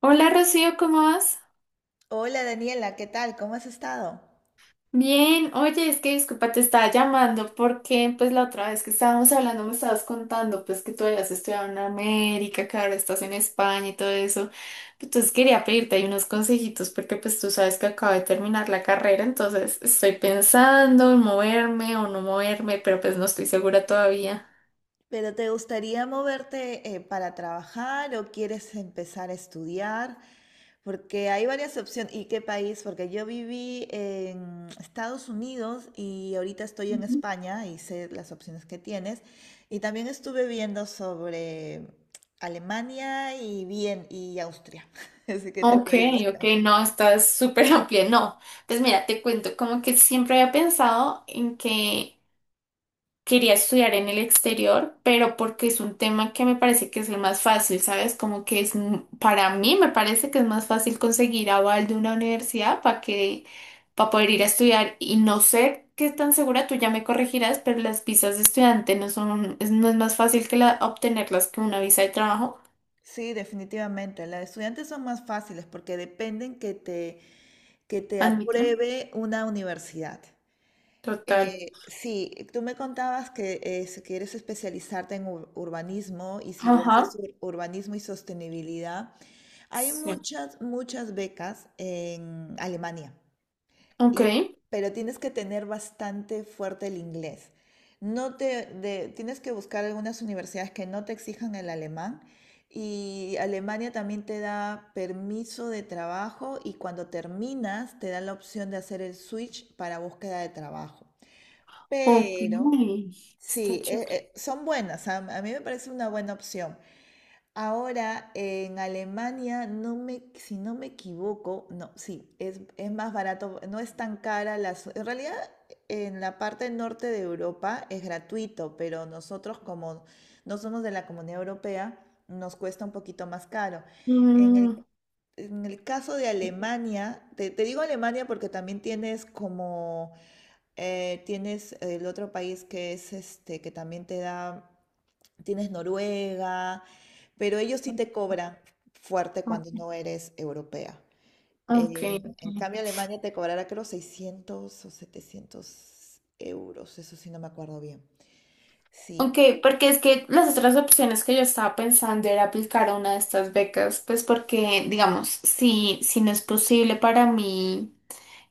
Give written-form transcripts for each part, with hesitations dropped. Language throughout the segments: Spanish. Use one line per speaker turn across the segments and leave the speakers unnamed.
Hola Rocío, ¿cómo vas?
Hola Daniela, ¿qué tal? ¿Cómo has estado?
Bien, oye, es que disculpa, te estaba llamando porque pues la otra vez que estábamos hablando me estabas contando pues que tú habías estudiado en América, que ahora estás en España y todo eso. Entonces quería pedirte ahí unos consejitos porque pues tú sabes que acabo de terminar la carrera, entonces estoy pensando en moverme o no moverme, pero pues no estoy segura todavía.
¿Pero te gustaría moverte para trabajar o quieres empezar a estudiar? Porque hay varias opciones. ¿Y qué país? Porque yo viví en Estados Unidos y ahorita estoy en
Ujú.
España y sé las opciones que tienes. Y también estuve viendo sobre Alemania y bien y Austria. Así que te
Ok,
puedo
ok,
ayudar.
no, estás súper amplia. No, pues mira, te cuento, como que siempre había pensado en que quería estudiar en el exterior, pero porque es un tema que me parece que es el más fácil, ¿sabes? Como que es, para mí me parece que es más fácil conseguir aval de una universidad para que, para poder ir a estudiar y no sé qué tan segura, tú ya me corregirás, pero las visas de estudiante no son, no es más fácil que la, obtenerlas que una visa de trabajo,
Sí, definitivamente. Las de estudiantes son más fáciles porque dependen que te
admito.
apruebe una universidad.
Total.
Sí, tú me contabas que si quieres especializarte en urbanismo y si lo haces
Ajá.
urbanismo y sostenibilidad, hay
Sí.
muchas, muchas becas en Alemania
Ok.
y, pero tienes que tener bastante fuerte el inglés. No, tienes que buscar algunas universidades que no te exijan el alemán y Alemania también te da permiso de trabajo y cuando terminas te da la opción de hacer el switch para búsqueda de trabajo.
Ok.
Pero
Está
sí,
chulo.
son buenas, a mí me parece una buena opción. Ahora en Alemania, si no me equivoco, no, sí, es más barato, no es tan cara. En realidad, en la parte norte de Europa es gratuito, pero nosotros como no somos de la Comunidad Europea, nos cuesta un poquito más caro. En el,
Mm,
en el caso de Alemania, te digo Alemania porque también tienes como tienes el otro país que es este, que también te da, tienes Noruega, pero ellos sí te cobran fuerte cuando
ok.
no eres europea.
Ok.
En cambio, Alemania te cobrará creo 600 o 700 euros, eso sí no me acuerdo bien. Sí,
Ok, porque es que las otras opciones que yo estaba pensando era aplicar a una de estas becas, pues porque, digamos, si no es posible para mí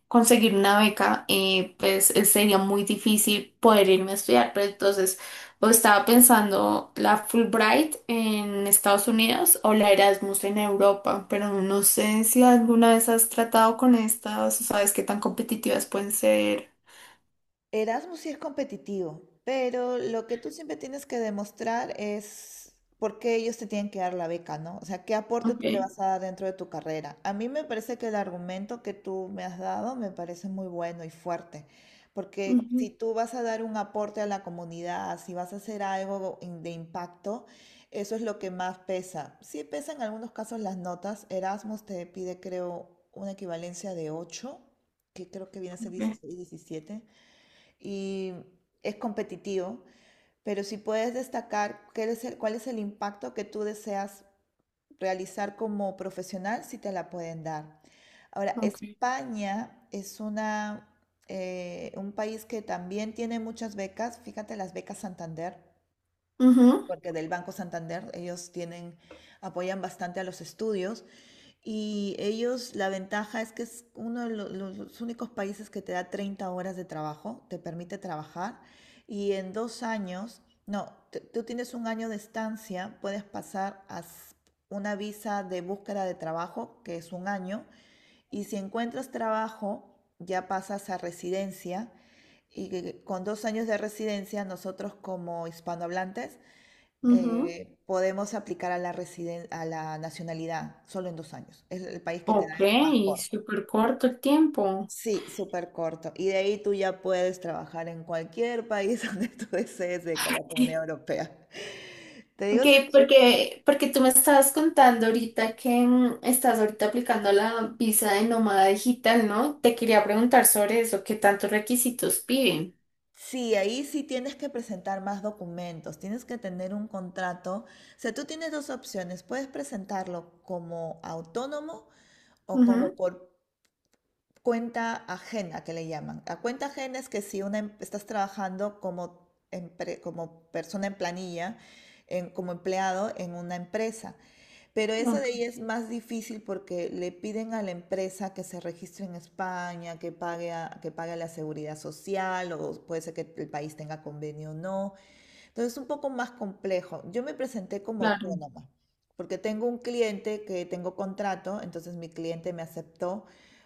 conseguir una beca, pues sería muy difícil poder irme a estudiar, pero entonces o estaba pensando la Fulbright en Estados Unidos o la Erasmus en Europa, pero no sé si alguna vez has tratado con estas o sabes qué tan competitivas pueden ser.
Erasmus sí es competitivo, pero lo que tú siempre tienes que demostrar es por qué ellos te tienen que dar la beca, ¿no? O sea, qué aporte tú le
Ok.
vas a dar dentro de tu carrera. A mí me parece que el argumento que tú me has dado me parece muy bueno y fuerte, porque
Ujú,
si tú vas a dar un aporte a la comunidad, si vas a hacer algo de impacto, eso es lo que más pesa. Sí pesa en algunos casos las notas. Erasmus te pide, creo, una equivalencia de 8, que creo que viene a ser
ok,
16, 17 y es competitivo, pero si puedes destacar cuál es el impacto que tú deseas realizar como profesional, si te la pueden dar. Ahora,
ok.
España es un país que también tiene muchas becas. Fíjate las becas Santander,
Ujú,
porque del Banco Santander ellos tienen, apoyan bastante a los estudios. Y ellos, la ventaja es que es uno de los únicos países que te da 30 horas de trabajo, te permite trabajar. Y en 2 años, no, tú tienes un año de estancia, puedes pasar a una visa de búsqueda de trabajo, que es un año. Y si encuentras trabajo, ya pasas a residencia. Con 2 años de residencia, nosotros como hispanohablantes
ujú.
podemos aplicar a a la nacionalidad solo en 2 años. Es el país que te da
Ok,
más corto.
súper corto el tiempo.
Sí, súper corto. Y de ahí tú ya puedes trabajar en cualquier país donde tú desees de la Comunidad Europea. Te
Ok,
digo, sí, sí,
porque, porque tú me estabas contando ahorita que estás ahorita aplicando la visa de nómada digital, ¿no? Te quería preguntar sobre eso, ¿qué tantos requisitos piden?
sí, ahí sí tienes que presentar más documentos, tienes que tener un contrato. O sea, tú tienes dos opciones, puedes presentarlo como autónomo o
Ujú,
como por cuenta ajena, que le llaman. La cuenta ajena es que si estás trabajando como persona en planilla, como empleado en una empresa, pero eso de
ah,
ahí es más difícil porque le piden a la empresa que se registre en España, que pague a la seguridad social, o puede ser que el país tenga convenio o no, entonces, es un poco más complejo. Yo me presenté como
claro,
autónoma, porque tengo un cliente que tengo contrato, entonces mi cliente me aceptó,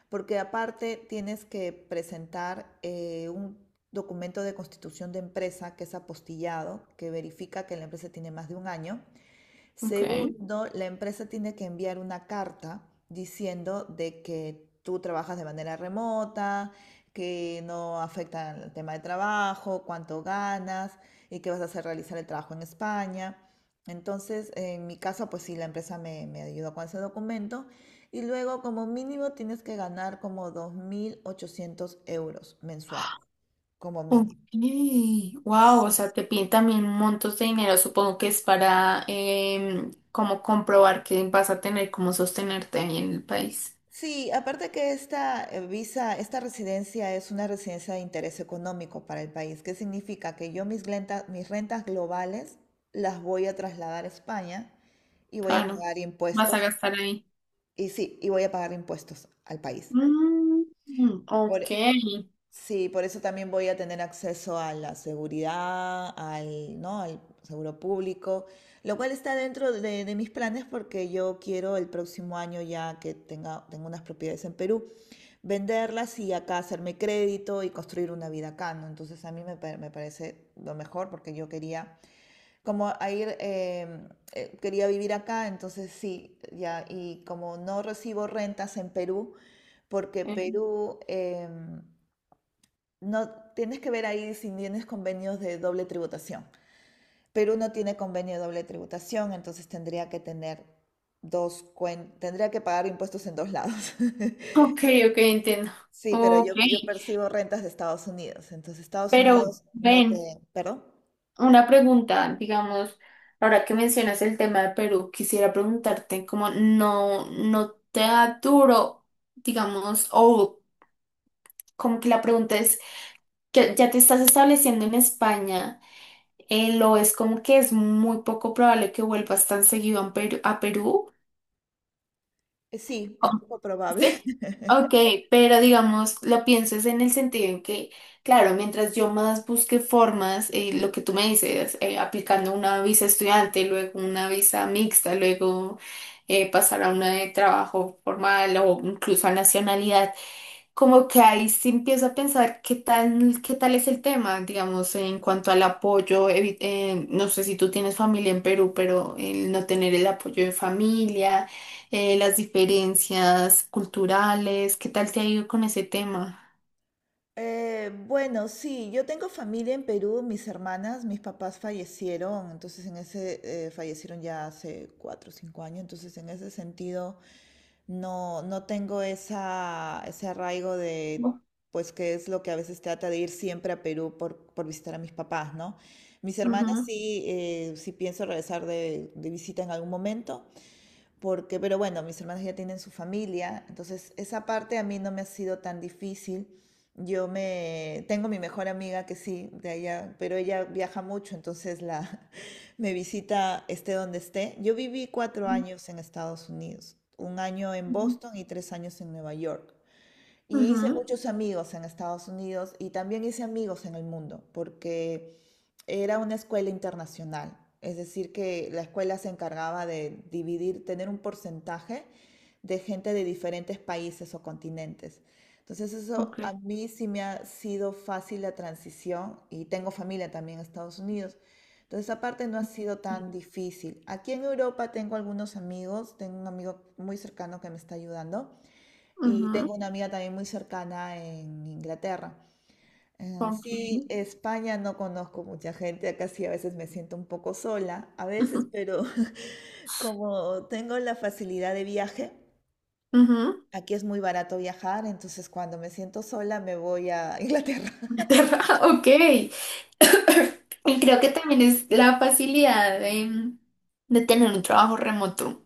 porque aparte tienes que presentar un documento de constitución de empresa que es apostillado, que verifica que la empresa tiene más de un año.
ok.
Segundo, la empresa tiene que enviar una carta diciendo de que tú trabajas de manera remota, que no afecta el tema de trabajo, cuánto ganas y que vas a hacer realizar el trabajo en España. Entonces, en mi caso, pues sí, la empresa me ayudó con ese documento. Y luego, como mínimo, tienes que ganar como 2.800 euros mensuales, como
Ok,
mínimo.
wow, o sea, te piden también montos de dinero, supongo que es para como comprobar que vas a tener cómo sostenerte ahí en el país.
Sí, aparte que esta visa, esta residencia es una residencia de interés económico para el país. ¿Qué significa? Que yo mis rentas globales las voy a trasladar a España y voy a
Claro,
pagar
vas a
impuestos.
gastar ahí.
Y sí, voy a pagar impuestos al país.
Mm, ok,
Sí, por eso también voy a tener acceso a la seguridad, al, ¿no? al seguro público, lo cual está dentro de mis planes porque yo quiero el próximo año ya que tengo unas propiedades en Perú, venderlas y acá hacerme crédito y construir una vida acá, ¿no? Entonces a mí me, pa- me parece lo mejor porque yo quería, como a ir, eh, quería vivir acá, entonces sí, ya, y como no recibo rentas en Perú, porque no, tienes que ver ahí si tienes convenios de doble tributación. Perú no tiene convenio de doble tributación, entonces tendría que tener tendría que pagar impuestos en dos lados.
ok, ok, entiendo.
Sí, pero
Ok,
yo percibo rentas de Estados Unidos, entonces Estados
pero
Unidos no te.
ven,
¿Perdón?
una pregunta, digamos, ahora que mencionas el tema de Perú, quisiera preguntarte como no, no te da duro, digamos, o como que la pregunta es, que ya te estás estableciendo en España, lo es como que es muy poco probable que vuelvas tan seguido a Perú, a Perú.
Sí, es poco probable.
Sí. Ok, pero digamos, lo pienso es en el sentido en que, claro, mientras yo más busque formas, lo que tú me dices, aplicando una visa estudiante, luego una visa mixta, luego pasar a una de trabajo formal o incluso a nacionalidad como que ahí sí empiezo a pensar qué tal es el tema, digamos, en cuanto al apoyo, no sé si tú tienes familia en Perú, pero el no tener el apoyo de familia, las diferencias culturales, ¿qué tal te ha ido con ese tema?
Bueno, sí, yo tengo familia en Perú, mis hermanas, mis papás fallecieron, entonces en fallecieron ya hace 4 o 5 años, entonces en ese sentido no, no tengo ese arraigo de,
Ujú,
pues, que es lo que a veces trata de ir siempre a Perú por visitar a mis papás, ¿no? Mis hermanas
ujú,
sí, sí pienso regresar de visita en algún momento, pero bueno, mis hermanos ya tienen su familia, entonces esa parte a mí no me ha sido tan difícil. Yo me tengo mi mejor amiga que sí, de allá, pero ella viaja mucho, entonces la me visita esté donde esté. Yo viví cuatro
ujú,
años en Estados Unidos, un año en
ujú.
Boston y 3 años en Nueva York. Y hice muchos amigos en Estados Unidos y también hice amigos en el mundo, porque era una escuela internacional. Es decir, que la escuela se encargaba de dividir, tener un porcentaje de gente de diferentes países o continentes. Entonces eso
Ok.
a mí sí me ha sido fácil la transición y tengo familia también en Estados Unidos. Entonces esa parte no ha sido
Sí.
tan difícil. Aquí en Europa tengo algunos amigos, tengo un amigo muy cercano que me está ayudando y
Ujú,
tengo una amiga también muy cercana en Inglaterra. Eh,
ok,
sí, España no conozco mucha gente, acá sí a veces me siento un poco sola, a veces,
ujú,
pero como tengo la facilidad de viaje,
ujú.
aquí es muy barato viajar, entonces cuando me siento sola me voy a Inglaterra.
Ok. Y creo que también es la facilidad de tener un trabajo remoto.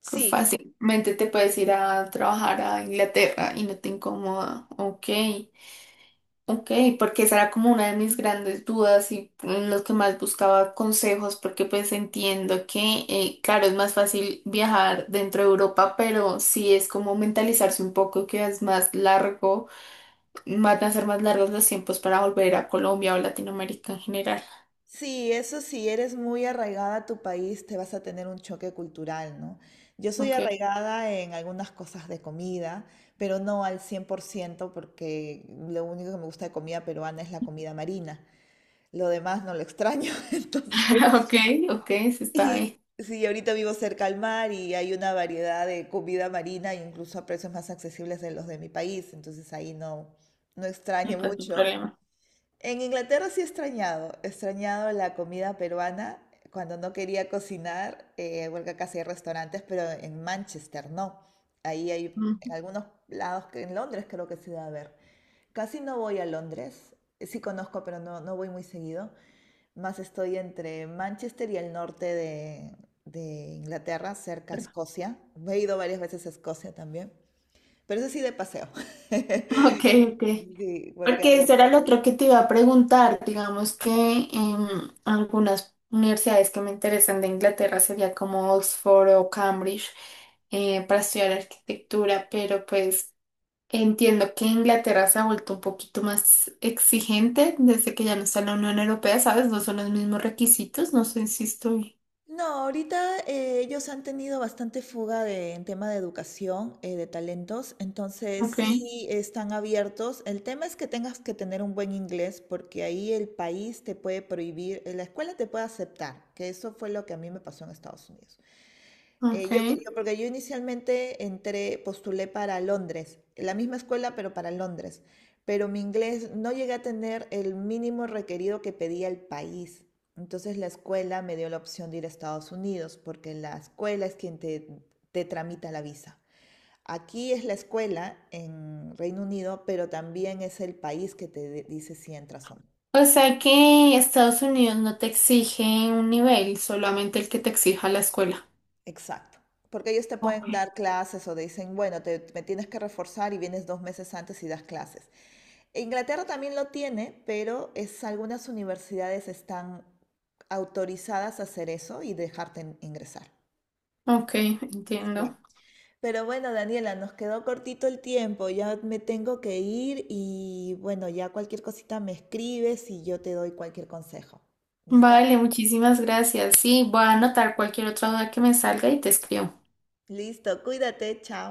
Sí,
Fácilmente te puedes ir a trabajar a Inglaterra y no te incomoda. Ok, ok, porque esa era como una de mis grandes dudas y en los que más buscaba consejos, porque pues entiendo que, claro, es más fácil viajar dentro de Europa, pero sí es como mentalizarse un poco que es más largo, van a ser más largos los tiempos para volver a Colombia o Latinoamérica en general.
Sí, eso sí, eres muy arraigada a tu país, te vas a tener un choque cultural, ¿no? Yo soy
Ok,
arraigada en algunas cosas de comida, pero no al 100% porque lo único que me gusta de comida peruana es la comida marina. Lo demás no lo extraño, entonces
ok, ok, se está bien,
sí, sí, ahorita vivo cerca al mar y hay una variedad de comida marina, incluso a precios más accesibles de los de mi país, entonces ahí no, no
no
extraño
hay tanto
mucho.
problema.
En Inglaterra sí he extrañado la comida peruana cuando no quería cocinar, porque acá sí hay restaurantes, pero en Manchester no. Ahí hay en
Mm,
algunos lados, que en Londres creo que se debe haber. Casi no voy a Londres, sí conozco, pero no, no voy muy seguido. Más estoy entre Manchester y el norte de Inglaterra, cerca a Escocia. He ido varias veces a Escocia también, pero eso sí de paseo.
ok, ok.
Sí. porque a
Porque ese era el otro que te iba a preguntar. Digamos que em, algunas universidades que me interesan de Inglaterra sería como Oxford o Cambridge para estudiar arquitectura, pero pues entiendo que Inglaterra se ha vuelto un poquito más exigente desde que ya no está en la Unión Europea, ¿sabes? No son los mismos requisitos, no sé si estoy.
No, ahorita ellos han tenido bastante fuga en tema de educación, de talentos, entonces
Ok,
sí están abiertos. El tema es que tengas que tener un buen inglés porque ahí el país te puede prohibir, la escuela te puede aceptar, que eso fue lo que a mí me pasó en Estados Unidos. Eh, yo,
ok.
Porque yo inicialmente entré, postulé para Londres, la misma escuela, pero para Londres. Pero mi inglés no llegué a tener el mínimo requerido que pedía el país. Entonces la escuela me dio la opción de ir a Estados Unidos, porque la escuela es quien te tramita la visa. Aquí es la escuela en Reino Unido, pero también es el país que te dice si entras o no.
O sea que Estados Unidos no te exige un nivel, solamente el que te exija la escuela.
Exacto. Porque ellos te pueden
Ok,
dar clases o te dicen, bueno, me tienes que reforzar y vienes 2 meses antes y das clases. Inglaterra también lo tiene, pero es, algunas universidades están autorizadas a hacer eso y dejarte ingresar.
ok,
Sí.
entiendo.
Pero bueno, Daniela, nos quedó cortito el tiempo, ya me tengo que ir y bueno, ya cualquier cosita me escribes y yo te doy cualquier consejo. ¿Listo?
Vale, muchísimas gracias. Sí, voy a anotar cualquier otra duda que me salga y te escribo.
Listo, cuídate, chao.